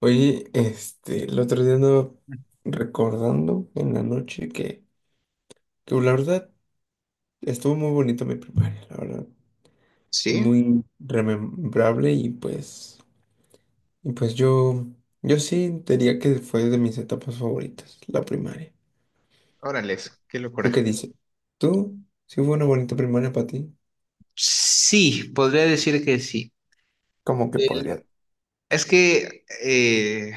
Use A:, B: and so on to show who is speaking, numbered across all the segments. A: Oye, el otro día andaba recordando en la noche que la verdad estuvo muy bonito mi primaria, la verdad,
B: Sí,
A: muy remembrable y pues yo sí diría que fue de mis etapas favoritas, la primaria.
B: órale, qué
A: ¿Tú
B: locura.
A: qué dices? ¿Tú? ¿Sí fue una bonita primaria para ti?
B: Sí, podría decir que sí.
A: ¿Cómo que
B: El-
A: podría?
B: Es que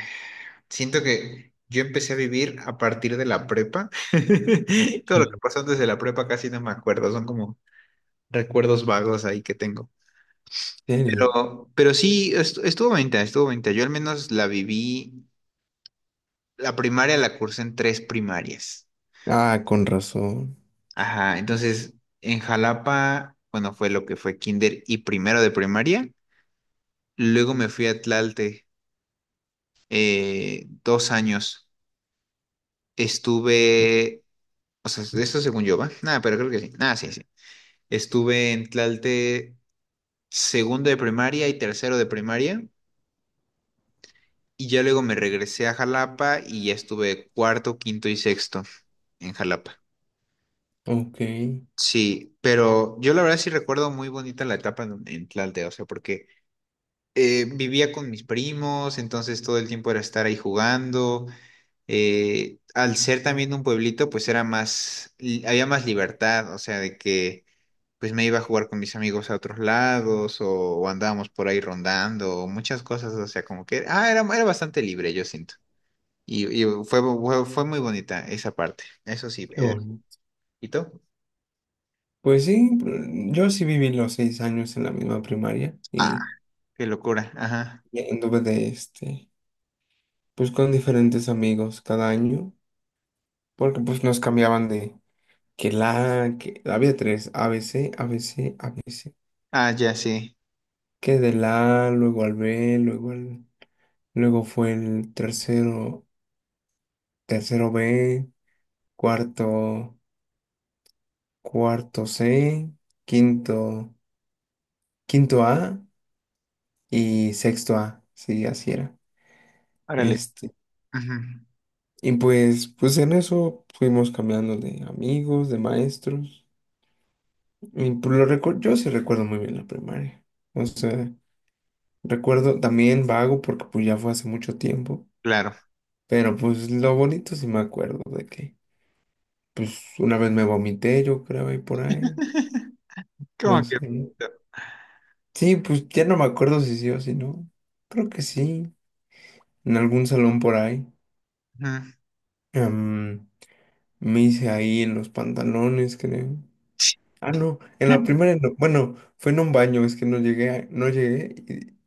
B: Siento que yo empecé a vivir a partir de la prepa. Todo lo que
A: Sí.
B: pasó antes de la prepa casi no me acuerdo, son como recuerdos vagos ahí que tengo.
A: ¿En serio?
B: Pero sí, estuvo bonita. Yo al menos la viví, la primaria la cursé en tres primarias.
A: Ah, con razón.
B: Ajá, entonces en Jalapa, bueno, fue lo que fue kinder y primero de primaria. Luego me fui a Tlalte dos años. Estuve, o sea, eso según yo, ¿va? Nada, pero creo que sí. Nada, sí, sí. Estuve en Tlalte segundo de primaria y tercero de primaria. Y ya luego me regresé a Jalapa y ya estuve cuarto, quinto y sexto en Jalapa.
A: Ok, qué
B: Sí, pero yo la verdad sí recuerdo muy bonita la etapa en Tlalte, o sea, porque vivía con mis primos, entonces todo el tiempo era estar ahí jugando. Al ser también un pueblito, pues era más, había más libertad, o sea, de que pues me iba a jugar con mis amigos a otros lados o andábamos por ahí rondando, o muchas cosas, o sea, como que, ah, era bastante libre, yo siento. Y fue muy bonita esa parte, eso sí.
A: bueno.
B: ¿Y tú?
A: Pues sí, yo sí viví los 6 años en la misma primaria
B: Ah,
A: y
B: qué locura, ajá.
A: Y anduve pues con diferentes amigos cada año, porque pues nos cambiaban de que había tres, A B B C A B C A B C
B: Ah, ya, sí.
A: luego al B, luego fue el tercero B, cuarto, cuarto C, quinto, quinto A y sexto A, sí, así era.
B: Órale.
A: Este,
B: Ujú.
A: y pues en eso fuimos cambiando de amigos, de maestros. Y por lo recuerdo, yo sí recuerdo muy bien la primaria. O sea, recuerdo también vago porque pues ya fue hace mucho tiempo.
B: Claro.
A: Pero pues lo bonito sí me acuerdo de que pues una vez me vomité, yo creo, ahí por ahí. No
B: ¿Cómo que
A: sé.
B: bonito?
A: Sí, pues ya no me acuerdo si sí o si no. Creo que sí. En algún salón por ahí.
B: Ujú.
A: Em, me hice ahí en los pantalones, creo. Ah, no, en la primera, bueno, fue en un baño, es que no llegué, no llegué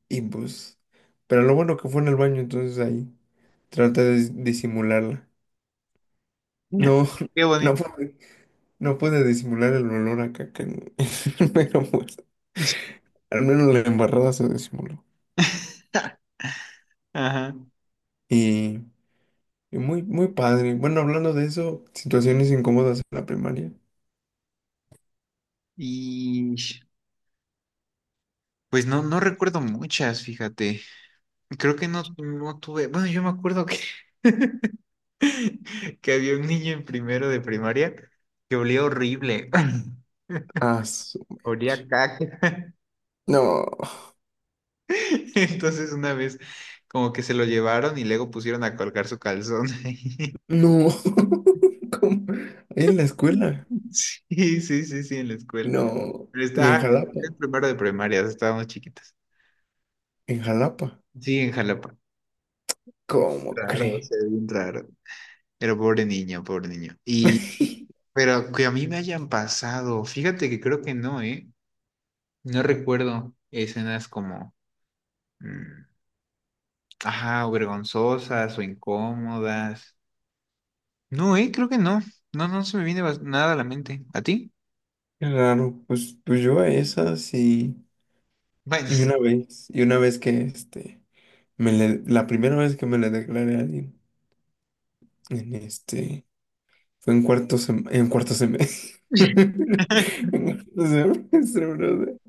A: y, pues, pero lo bueno que fue en el baño, entonces ahí traté de disimularla. No,
B: Qué
A: no
B: bonito.
A: pude, no pude disimular el olor a caca, pero pues, al menos la embarrada se disimuló.
B: Ajá.
A: Y, y muy, muy padre. Bueno, hablando de eso, situaciones incómodas en la primaria.
B: Y pues no, no recuerdo muchas, fíjate. Creo que no, no tuve. Bueno, yo me acuerdo que, que había un niño en primero de primaria que olía horrible.
A: Ah, su
B: Olía
A: mecha.
B: a caca.
A: No,
B: Entonces una vez como que se lo llevaron y luego pusieron a colgar su calzón ahí.
A: no, ¿cómo? En la escuela.
B: Sí, sí, sí, sí, en la escuela.
A: No,
B: Pero
A: y en
B: estaba
A: Jalapa,
B: en primero de primaria, estábamos chiquitas.
A: en Jalapa,
B: Sí, en Jalapa. Bien
A: ¿cómo
B: raro, o
A: cree?
B: sea, bien raro. Pero pobre niño, pobre niño. Pero que a mí me hayan pasado, fíjate que creo que no, ¿eh? No recuerdo escenas como, mm, ajá, o vergonzosas o incómodas. No, ¿eh? Creo que no. No, no se me viene nada a la mente. ¿A ti?
A: Claro, pues yo a esas y
B: Bueno,
A: y una vez que este, me le- la primera vez que me le declaré a alguien, en este, fue en en cuarto semestre. En cuarto semestre, brother.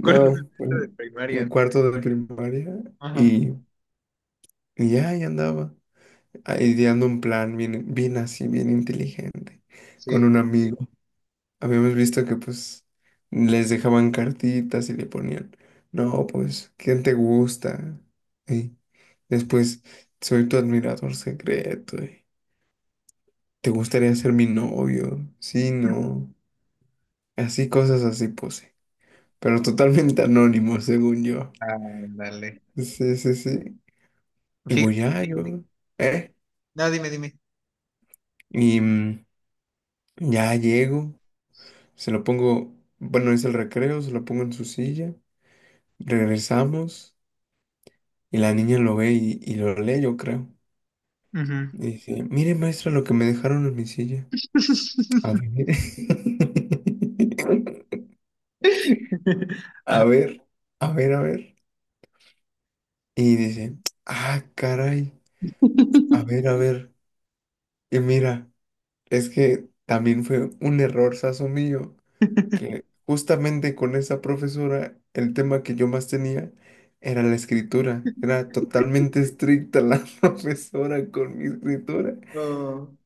B: cuarto
A: fue
B: semestre de
A: en
B: primaria.
A: cuarto de primaria
B: Ajá,
A: y, y ya ahí andaba, ideando un plan bien así, bien inteligente, con
B: sí.
A: un amigo. Habíamos visto que pues les dejaban cartitas y le ponían, no, pues, ¿quién te gusta? Y después, soy tu admirador secreto. Y, ¿te gustaría ser mi novio? Sí, no. Así cosas así puse. Pero totalmente anónimo, según yo.
B: Ándale.
A: Sí, sí, sí. Y voy
B: Fíjate.
A: ya, yo, ¿eh?
B: No, dime, dime.
A: Y ya llego, se lo pongo, bueno, es el recreo, se lo pongo en su silla, regresamos. Y la niña lo ve y lo lee, yo creo.
B: Ujú.
A: Y dice, mire, maestra, lo que me dejaron en mi silla. A ver. A ver, a ver, a ver. Y dice, ah, caray, a ver, a ver. Y mira, es que también fue un error sazo mío, que justamente con esa profesora, el tema que yo más tenía era la escritura. Era totalmente estricta la profesora con mi escritura.
B: No,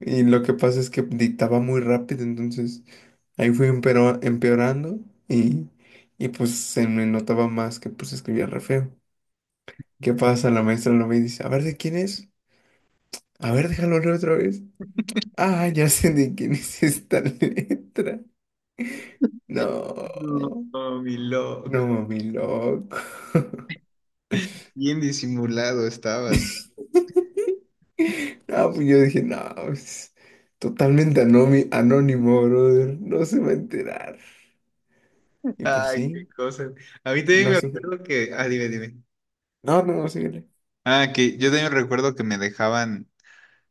A: Y lo que pasa es que dictaba muy rápido, entonces ahí fui empeorando y, y pues se me notaba más que pues escribía re feo. ¿Qué pasa? La maestra lo ve y dice, a ver, ¿de quién es? A ver, déjalo leer otra vez. Ah, ya sé de quién es esta letra. No,
B: no, no, mi
A: no,
B: loco.
A: mi loco.
B: Bien disimulado estabas.
A: Ah, pues yo dije, no, es totalmente anónimo, brother. No se va a enterar. Y pues
B: Ay,
A: sí,
B: qué cosas. A mí también
A: no
B: me
A: sé.
B: acuerdo que. Ah, dime, dime.
A: No, no, no, síguele.
B: Ah, que yo también recuerdo que me dejaban.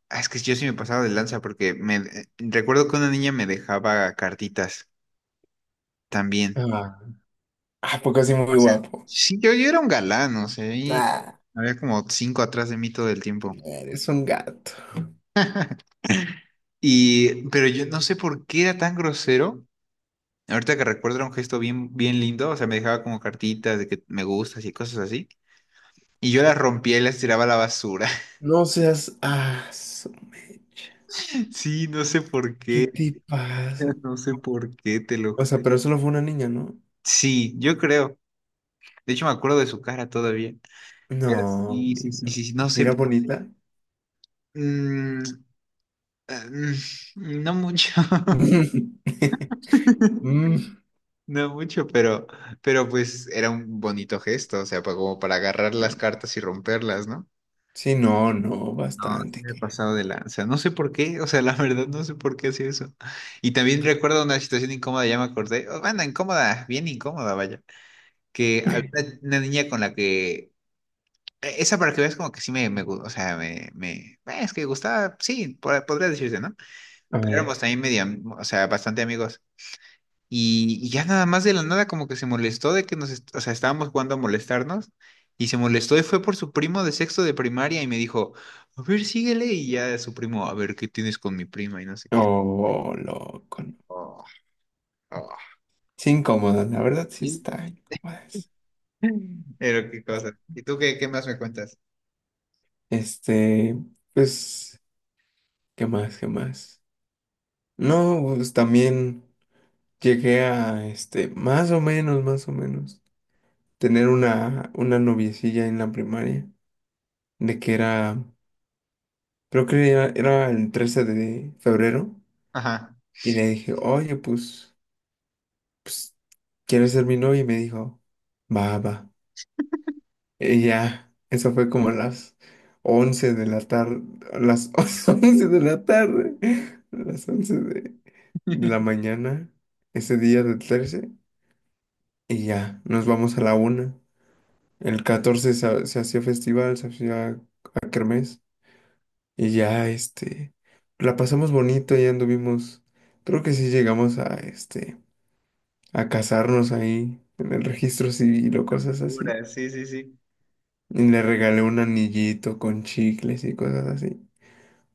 B: Ah, es que yo sí me pasaba de lanza porque me recuerdo que una niña me dejaba cartitas también.
A: Ah, Ah, porque así muy guapo.
B: Sí, yo era un galán, o sea, y
A: Ah,
B: había como cinco atrás de mí todo el tiempo.
A: eres un gato.
B: Y, pero yo no sé por qué era tan grosero. Ahorita que recuerdo era un gesto bien, bien lindo, o sea, me dejaba como cartitas de que me gustas y cosas así. Y yo las rompía y las tiraba a la basura.
A: No seas. Ah, su mecha.
B: Sí, no sé por
A: ¿Qué
B: qué.
A: te pasa?
B: No sé por qué te lo...
A: O sea, pero solo fue una niña, ¿no?
B: Sí, yo creo. De hecho, me acuerdo de su cara todavía. Pero
A: No,
B: sí, sí, sí,
A: mira.
B: sí, sí, no sé.
A: Mira bonita.
B: Mm, no mucho.
A: Mm,
B: No mucho, pero pues era un bonito gesto, o sea, como para agarrar las
A: bueno.
B: cartas y romperlas, ¿no?
A: Sí, no, no,
B: No, sí
A: bastante.
B: me he pasado de lanza. No sé por qué, o sea, la verdad no sé por qué hacía eso. Y también recuerdo una situación incómoda, ya me acordé. Oh, bueno, incómoda, bien incómoda, vaya. Que había una niña con la que esa para que veas como que sí o sea, es que gustaba, sí, podría decirse, ¿no? Pero
A: Ah,
B: éramos también medio, o sea, bastante amigos. Y ya nada más de la nada como que se molestó de que o sea, estábamos jugando a molestarnos y se molestó y fue por su primo de sexto de primaria y me dijo, a ver, síguele y ya su primo, a ver, ¿qué tienes con mi prima? Y no sé qué.
A: oh, loco. No.
B: Oh, oh.
A: Sí, incómoda, la verdad sí
B: Bien.
A: está incómoda.
B: Pero qué cosa. ¿Y tú qué más me cuentas?
A: Este, pues, ¿qué más? ¿Qué más? No, pues también llegué a, más o menos, tener una noviecilla en la primaria, de que era, creo que era, era el 13 de febrero,
B: Ajá.
A: y le dije, oye, pues, ¿quieres ser mi novia? Y me dijo, va, va. Y ya, eso fue como a las 11 de la tarde, a las 11 de la tarde, a las 11 de la mañana, ese día del 13. Y ya, nos vamos a la 1. El 14 se hacía festival, se hacía a kermés. Y ya, la pasamos bonito, ya anduvimos. Creo que sí llegamos a casarnos ahí en el registro civil o cosas así.
B: Locura, sí, sí, sí.
A: Y le regalé un anillito con chicles y cosas así.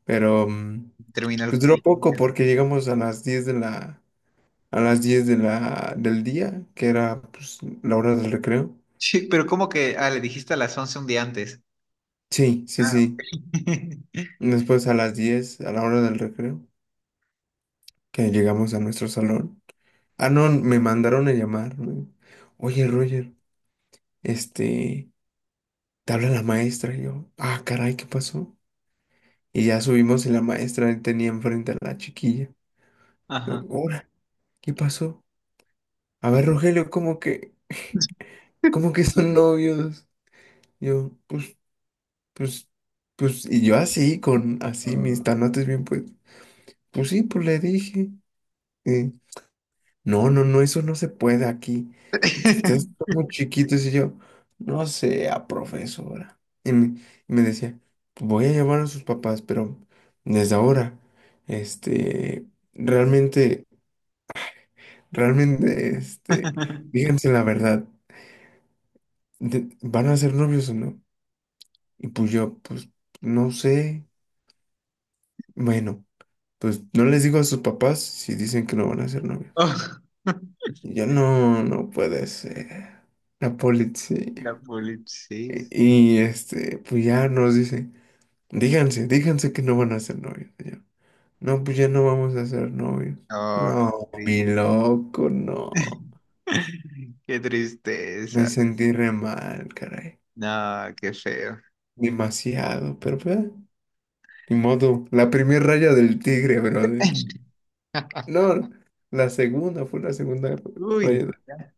A: Pero,
B: Terminó el
A: pues duró poco porque llegamos a las 10 de la, a las 10 de la, del día, que era, pues, la hora del recreo.
B: sí, pero como que, ah, le dijiste a las 11 un día antes.
A: Sí, sí,
B: Ah,
A: sí.
B: ok.
A: Después a las 10 a la hora del recreo, que llegamos a nuestro salón. Ah, no, me mandaron a llamar. ¿No? Oye, Roger, este, te habla la maestra. Y yo, ah, caray, ¿qué pasó? Y ya subimos y la maestra tenía enfrente a la chiquilla. Yo,
B: Ajá.
A: ahora, ¿qué pasó? A ver, Rogelio, ¿cómo que son novios? Yo, pues, pues, y yo así, con así mis
B: Ah.
A: tanotes bien, pues sí, pues le dije. eh, No, no, no, eso no se puede aquí. Ustedes son muy chiquitos y yo, no sea profesora. Y me decía, voy a llamar a sus papás, pero desde ahora, este, realmente, realmente, díganse la verdad, ¿van a ser novios o no? Y pues yo, pues, no sé. Bueno, pues no les digo a sus papás si dicen que no van a ser novios.
B: Oh,
A: Y yo, no, no puede ser. La
B: la
A: policía.
B: polipsia.
A: Y, pues ya nos dice, díganse que no van a ser novios. Y yo, no, pues ya no vamos a ser novios.
B: Ah,
A: No, mi
B: sí.
A: loco, no.
B: Qué
A: Me
B: tristeza.
A: sentí re mal, caray.
B: No, qué feo.
A: Demasiado, pero pues, ni modo. La primera raya del tigre, brother. No, la segunda fue la segunda
B: Uy,
A: raya
B: no,
A: del
B: ya.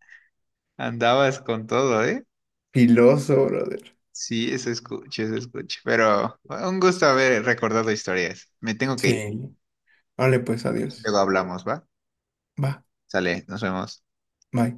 B: Andabas con todo, ¿eh?
A: filoso, brother.
B: Sí, eso escucho, eso escucho. Pero bueno, un gusto haber recordado historias. Me tengo que ir.
A: Sí. Vale, pues
B: A ver si
A: adiós.
B: luego hablamos, ¿va?
A: Va,
B: Sale, nos vemos.
A: bye.